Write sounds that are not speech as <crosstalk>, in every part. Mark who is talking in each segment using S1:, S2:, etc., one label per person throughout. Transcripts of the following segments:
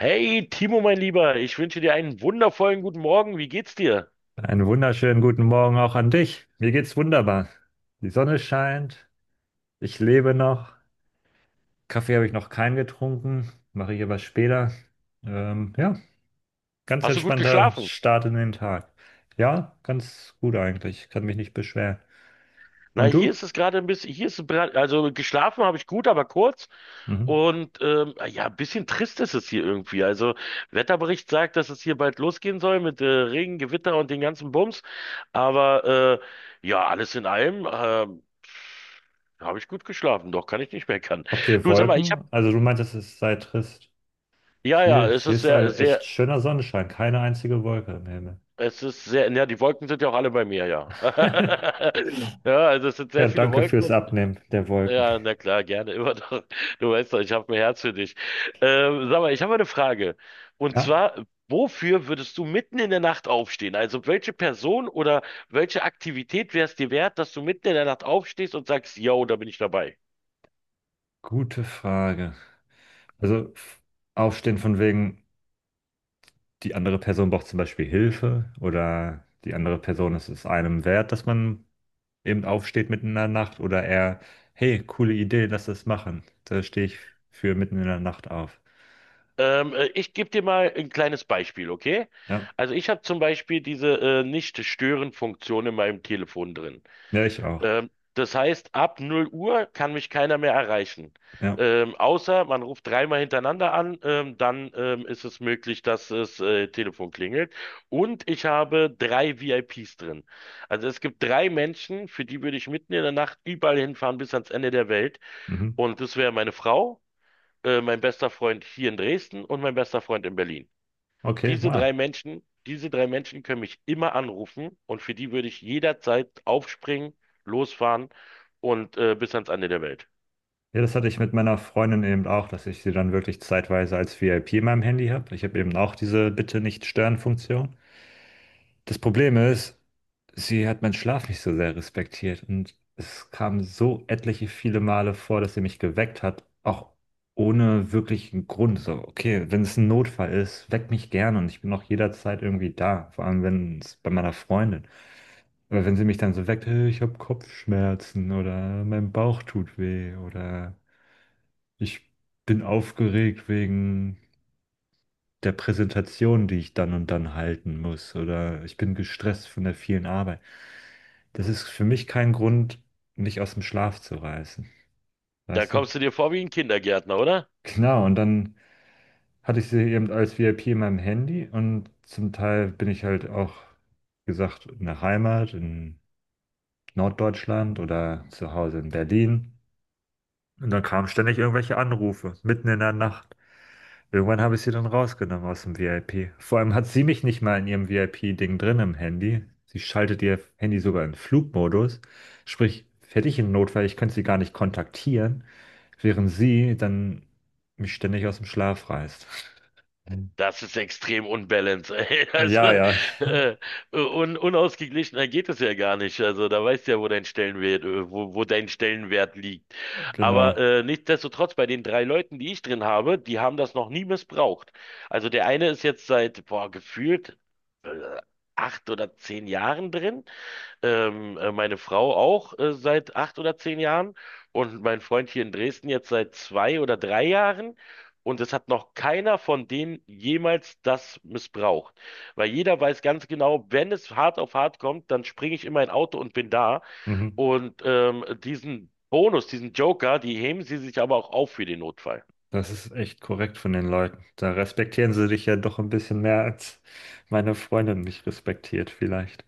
S1: Hey Timo, mein Lieber, ich wünsche dir einen wundervollen guten Morgen. Wie geht's dir?
S2: Einen wunderschönen guten Morgen auch an dich. Mir geht's wunderbar. Die Sonne scheint, ich lebe noch. Kaffee habe ich noch keinen getrunken, mache ich aber später. Ja, ganz
S1: Hast du gut
S2: entspannter
S1: geschlafen?
S2: Start in den Tag. Ja, ganz gut eigentlich, kann mich nicht beschweren.
S1: Na,
S2: Und
S1: hier
S2: du?
S1: ist es gerade ein bisschen, hier ist es, also geschlafen habe ich gut, aber kurz.
S2: Mhm.
S1: Und ja, ein bisschen trist ist es hier irgendwie. Also Wetterbericht sagt, dass es hier bald losgehen soll mit Regen, Gewitter und den ganzen Bums. Aber ja, alles in allem habe ich gut geschlafen. Doch, kann ich nicht meckern.
S2: Habt ihr
S1: Du, sag mal,
S2: Wolken? Also du meintest, es sei trist.
S1: ja,
S2: Hier,
S1: ja, es
S2: hier
S1: ist
S2: ist
S1: sehr,
S2: ein echt
S1: sehr
S2: schöner Sonnenschein, keine einzige Wolke im Himmel.
S1: Es ist sehr, ja, die Wolken sind ja auch alle bei mir, ja.
S2: <laughs>
S1: <laughs> Ja, also es sind
S2: Ja,
S1: sehr viele
S2: danke
S1: Wolken
S2: fürs
S1: und
S2: Abnehmen der Wolken.
S1: ja, na klar, gerne <laughs> immer doch. Du weißt doch, ich habe ein Herz für dich. Sag mal, ich habe mal eine Frage. Und
S2: Ja,
S1: zwar, wofür würdest du mitten in der Nacht aufstehen? Also welche Person oder welche Aktivität wäre es dir wert, dass du mitten in der Nacht aufstehst und sagst, yo, da bin ich dabei?
S2: gute Frage. Also f- Aufstehen von wegen, die andere Person braucht zum Beispiel Hilfe oder die andere Person ist es ist einem wert, dass man eben aufsteht mitten in der Nacht oder eher, hey, coole Idee, lass das machen. Da stehe ich für mitten in der Nacht auf.
S1: Ich gebe dir mal ein kleines Beispiel, okay?
S2: Ja,
S1: Also ich habe zum Beispiel diese Nicht-Stören-Funktion in meinem Telefon drin.
S2: ja, ich auch.
S1: Das heißt, ab 0 Uhr kann mich keiner mehr erreichen.
S2: Ja,
S1: Außer man ruft dreimal hintereinander an, dann ist es möglich, dass das Telefon klingelt. Und ich habe drei VIPs drin. Also es gibt drei Menschen, für die würde ich mitten in der Nacht überall hinfahren bis ans Ende der Welt.
S2: mhm.
S1: Und das wäre meine Frau, mein bester Freund hier in Dresden und mein bester Freund in Berlin.
S2: Okay,
S1: Diese drei
S2: wow.
S1: Menschen, diese drei Menschen können mich immer anrufen und für die würde ich jederzeit aufspringen, losfahren und bis ans Ende der Welt.
S2: Ja, das hatte ich mit meiner Freundin eben auch, dass ich sie dann wirklich zeitweise als VIP in meinem Handy habe. Ich habe eben auch diese Bitte nicht stören Funktion. Das Problem ist, sie hat meinen Schlaf nicht so sehr respektiert und es kam so etliche viele Male vor, dass sie mich geweckt hat, auch ohne wirklichen Grund. So, okay, wenn es ein Notfall ist, weck mich gern und ich bin auch jederzeit irgendwie da, vor allem wenn es bei meiner Freundin. Aber wenn sie mich dann so weckt, hey, ich habe Kopfschmerzen oder mein Bauch tut weh oder ich bin aufgeregt wegen der Präsentation, die ich dann und dann halten muss, oder ich bin gestresst von der vielen Arbeit. Das ist für mich kein Grund, mich aus dem Schlaf zu reißen,
S1: Da
S2: weißt du?
S1: kommst du dir vor wie ein Kindergärtner, oder?
S2: Genau, und dann hatte ich sie eben als VIP in meinem Handy und zum Teil bin ich halt auch, wie gesagt, in der Heimat, in Norddeutschland oder zu Hause in Berlin. Und dann kamen ständig irgendwelche Anrufe, mitten in der Nacht. Irgendwann habe ich sie dann rausgenommen aus dem VIP. Vor allem hat sie mich nicht mal in ihrem VIP-Ding drin im Handy. Sie schaltet ihr Handy sogar in Flugmodus. Sprich, hätte ich einen Notfall, ich könnte sie gar nicht kontaktieren, während sie dann mich ständig aus dem Schlaf reißt. <laughs>
S1: Das ist extrem unbalanced, ey. <laughs>
S2: Ja,
S1: Also,
S2: ja,
S1: äh, un unausgeglichener geht es ja gar nicht. Also, da weißt du ja, wo dein Stellenwert liegt. Aber
S2: genau.
S1: nichtsdestotrotz, bei den drei Leuten, die ich drin habe, die haben das noch nie missbraucht. Also, der eine ist jetzt seit, boah, gefühlt äh, acht oder zehn Jahren drin, meine Frau auch seit acht oder zehn Jahren und mein Freund hier in Dresden jetzt seit zwei oder drei Jahren. Und es hat noch keiner von denen jemals das missbraucht. Weil jeder weiß ganz genau, wenn es hart auf hart kommt, dann springe ich in mein Auto und bin da.
S2: Mhm.
S1: Und diesen Bonus, diesen Joker, die heben sie sich aber auch auf für den Notfall.
S2: Das ist echt korrekt von den Leuten. Da respektieren sie dich ja doch ein bisschen mehr, als meine Freundin mich respektiert, vielleicht.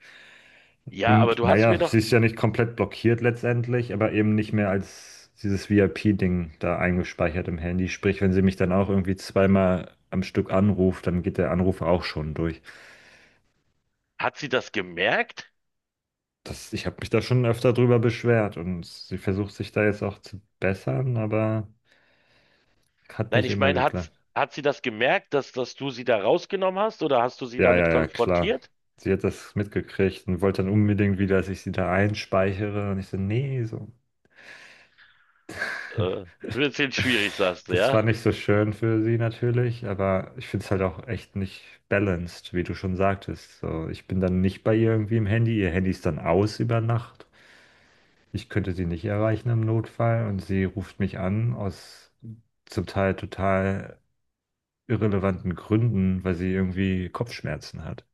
S1: Ja, aber
S2: Und
S1: du hast
S2: naja,
S1: mir
S2: sie
S1: doch,
S2: ist ja nicht komplett blockiert letztendlich, aber eben nicht mehr als dieses VIP-Ding da eingespeichert im Handy. Sprich, wenn sie mich dann auch irgendwie zweimal am Stück anruft, dann geht der Anruf auch schon durch.
S1: hat sie das gemerkt?
S2: Ich habe mich da schon öfter drüber beschwert und sie versucht sich da jetzt auch zu bessern, aber hat
S1: Nein,
S2: nicht
S1: ich
S2: immer
S1: meine,
S2: geklappt.
S1: hat sie das gemerkt, dass du sie da rausgenommen hast oder hast du sie
S2: Ja, ja,
S1: damit
S2: ja, klar.
S1: konfrontiert?
S2: Sie hat das mitgekriegt und wollte dann unbedingt wieder, dass ich sie da einspeichere. Und ich so, nee, so.
S1: Äh, Wird jetzt schwierig, sagst du,
S2: Das war
S1: ja?
S2: nicht so schön für sie natürlich, aber ich finde es halt auch echt nicht balanced, wie du schon sagtest. So, ich bin dann nicht bei ihr irgendwie im Handy, ihr Handy ist dann aus über Nacht. Ich könnte sie nicht erreichen im Notfall und sie ruft mich an aus zum Teil total irrelevanten Gründen, weil sie irgendwie Kopfschmerzen hat.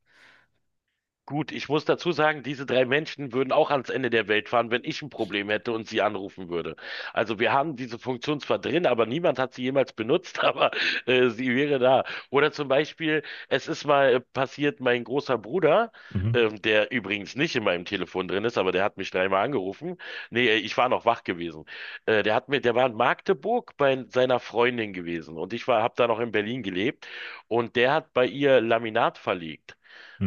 S1: Gut, ich muss dazu sagen, diese drei Menschen würden auch ans Ende der Welt fahren, wenn ich ein Problem hätte und sie anrufen würde. Also wir haben diese Funktion zwar drin, aber niemand hat sie jemals benutzt, <laughs> aber sie wäre da. Oder zum Beispiel, es ist mal passiert, mein großer Bruder,
S2: Mhm.
S1: der übrigens nicht in meinem Telefon drin ist, aber der hat mich dreimal angerufen. Nee, ich war noch wach gewesen. Der war in Magdeburg bei seiner Freundin gewesen und habe da noch in Berlin gelebt und der hat bei ihr Laminat verlegt.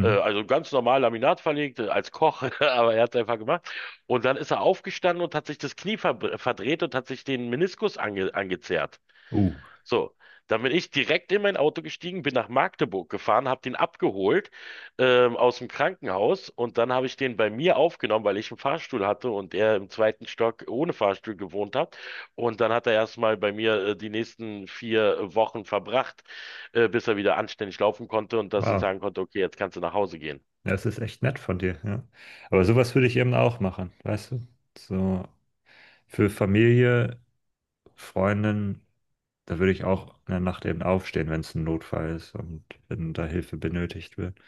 S1: Also ganz normal Laminat verlegt, als Koch, <laughs> aber er hat es einfach gemacht. Und dann ist er aufgestanden und hat sich das Knie verdreht und hat sich den Meniskus angezerrt.
S2: Uh,
S1: So, dann bin ich direkt in mein Auto gestiegen, bin nach Magdeburg gefahren, habe den abgeholt, aus dem Krankenhaus, und dann habe ich den bei mir aufgenommen, weil ich einen Fahrstuhl hatte und er im zweiten Stock ohne Fahrstuhl gewohnt hat. Und dann hat er erstmal bei mir die nächsten vier Wochen verbracht, bis er wieder anständig laufen konnte und dass ich
S2: wow.
S1: sagen konnte, okay, jetzt kannst du nach Hause gehen.
S2: Das ist echt nett von dir, ja. Aber sowas würde ich eben auch machen, weißt du? So, für Familie, Freundin, da würde ich auch in der Nacht eben aufstehen, wenn es ein Notfall ist und wenn da Hilfe benötigt wird.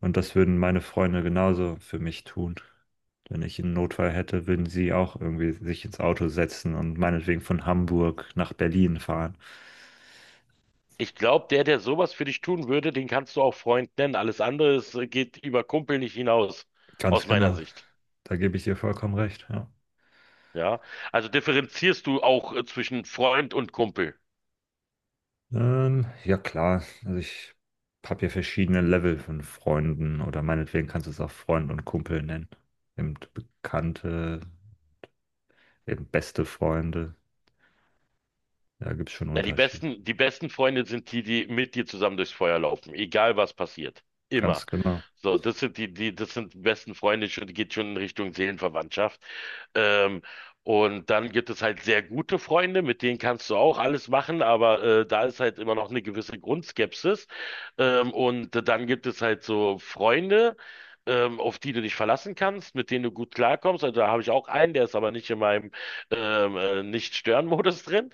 S2: Und das würden meine Freunde genauso für mich tun. Wenn ich einen Notfall hätte, würden sie auch irgendwie sich ins Auto setzen und meinetwegen von Hamburg nach Berlin fahren.
S1: Ich glaube, der sowas für dich tun würde, den kannst du auch Freund nennen. Alles andere ist, geht über Kumpel nicht hinaus, aus
S2: Ganz
S1: meiner
S2: genau.
S1: Sicht.
S2: Da gebe ich dir vollkommen recht, ja.
S1: Ja, also differenzierst du auch zwischen Freund und Kumpel.
S2: Ja klar, also ich habe ja verschiedene Level von Freunden oder meinetwegen kannst du es auch Freund und Kumpel nennen. Eben Bekannte, eben beste Freunde. Da gibt es schon einen
S1: Ja,
S2: Unterschied.
S1: die besten Freunde sind die, die mit dir zusammen durchs Feuer laufen, egal was passiert.
S2: Ganz
S1: Immer.
S2: genau.
S1: So, das sind das sind die besten Freunde, schon, geht schon in Richtung Seelenverwandtschaft. Ähm, und dann gibt es halt sehr gute Freunde, mit denen kannst du auch alles machen, aber da ist halt immer noch eine gewisse Grundskepsis. Und dann gibt es halt so Freunde, auf die du dich verlassen kannst, mit denen du gut klarkommst. Also da habe ich auch einen, der ist aber nicht in meinem Nicht-Stören-Modus drin.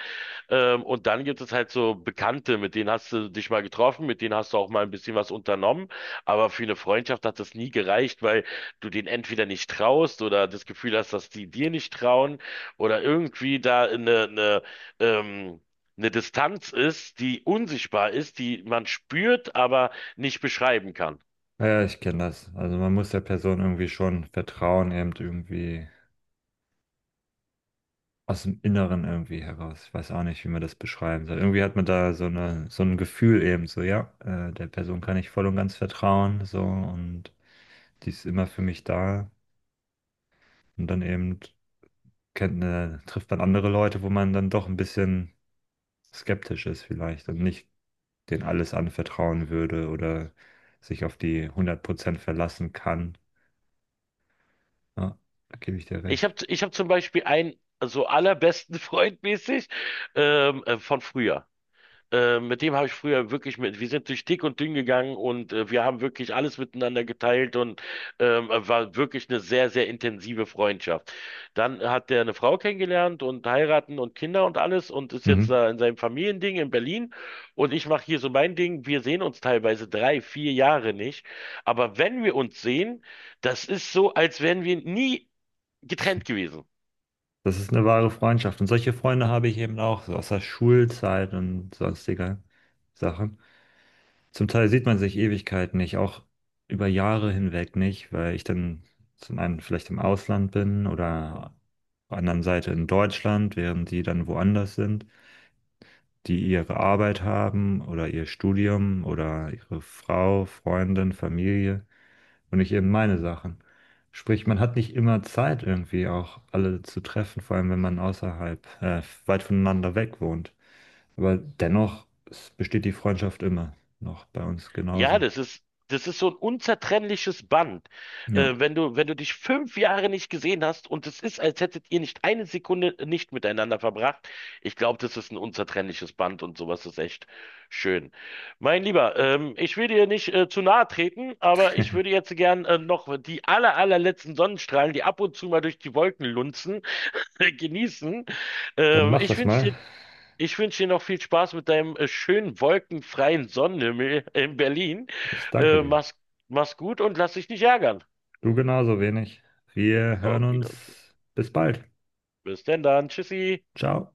S1: Und dann gibt es halt so Bekannte, mit denen hast du dich mal getroffen, mit denen hast du auch mal ein bisschen was unternommen. Aber für eine Freundschaft hat das nie gereicht, weil du denen entweder nicht traust oder das Gefühl hast, dass die dir nicht trauen oder irgendwie da ähm, eine Distanz ist, die unsichtbar ist, die man spürt, aber nicht beschreiben kann.
S2: Ja, ja, ich kenne das. Also man muss der Person irgendwie schon vertrauen, eben irgendwie aus dem Inneren irgendwie heraus. Ich weiß auch nicht, wie man das beschreiben soll. Irgendwie hat man da so eine, so ein Gefühl eben so, ja, der Person kann ich voll und ganz vertrauen, so und die ist immer für mich da. Und dann eben trifft man andere Leute, wo man dann doch ein bisschen skeptisch ist vielleicht und nicht denen alles anvertrauen würde oder sich auf die hundert Prozent verlassen kann. Ja, da gebe ich dir recht.
S1: Ich hab zum Beispiel einen so allerbesten <laughs> Freund mäßig, von früher. Mit dem habe ich früher wirklich wir sind durch dick und dünn gegangen und wir haben wirklich alles miteinander geteilt und war wirklich eine sehr, sehr intensive Freundschaft. Dann hat der eine Frau kennengelernt und heiraten und Kinder und alles und ist jetzt
S2: Mhm.
S1: da in seinem Familiending in Berlin und ich mache hier so mein Ding. Wir sehen uns teilweise drei, vier Jahre nicht, aber wenn wir uns sehen, das ist so, als wären wir nie getrennt gewesen.
S2: Das ist eine wahre Freundschaft. Und solche Freunde habe ich eben auch, so aus der Schulzeit und sonstiger Sachen. Zum Teil sieht man sich Ewigkeiten nicht, auch über Jahre hinweg nicht, weil ich dann zum einen vielleicht im Ausland bin oder auf der anderen Seite in Deutschland, während die dann woanders sind, die ihre Arbeit haben oder ihr Studium oder ihre Frau, Freundin, Familie und nicht eben meine Sachen. Sprich, man hat nicht immer Zeit, irgendwie auch alle zu treffen, vor allem wenn man weit voneinander weg wohnt. Aber dennoch es besteht die Freundschaft immer noch bei uns
S1: Ja,
S2: genauso.
S1: das ist so ein unzertrennliches Band.
S2: Ja,
S1: Wenn du dich fünf Jahre nicht gesehen hast und es ist, als hättet ihr nicht eine Sekunde nicht miteinander verbracht, ich glaube, das ist ein unzertrennliches Band und sowas ist echt schön. Mein Lieber, ich will dir nicht zu nahe treten, aber ich würde jetzt gern noch die allerletzten Sonnenstrahlen, die ab und zu mal durch die Wolken lunzen, <laughs> genießen.
S2: dann
S1: Ähm,
S2: mach
S1: ich
S2: das
S1: wünsche
S2: mal.
S1: dir ich wünsche dir noch viel Spaß mit deinem schönen wolkenfreien Sonnenhimmel in Berlin.
S2: Ich danke
S1: Äh,
S2: dir.
S1: mach's, mach's gut und lass dich nicht ärgern.
S2: Du genauso wenig. Wir hören
S1: Okay,
S2: uns.
S1: okay.
S2: Bis bald.
S1: Bis denn dann. Tschüssi.
S2: Ciao.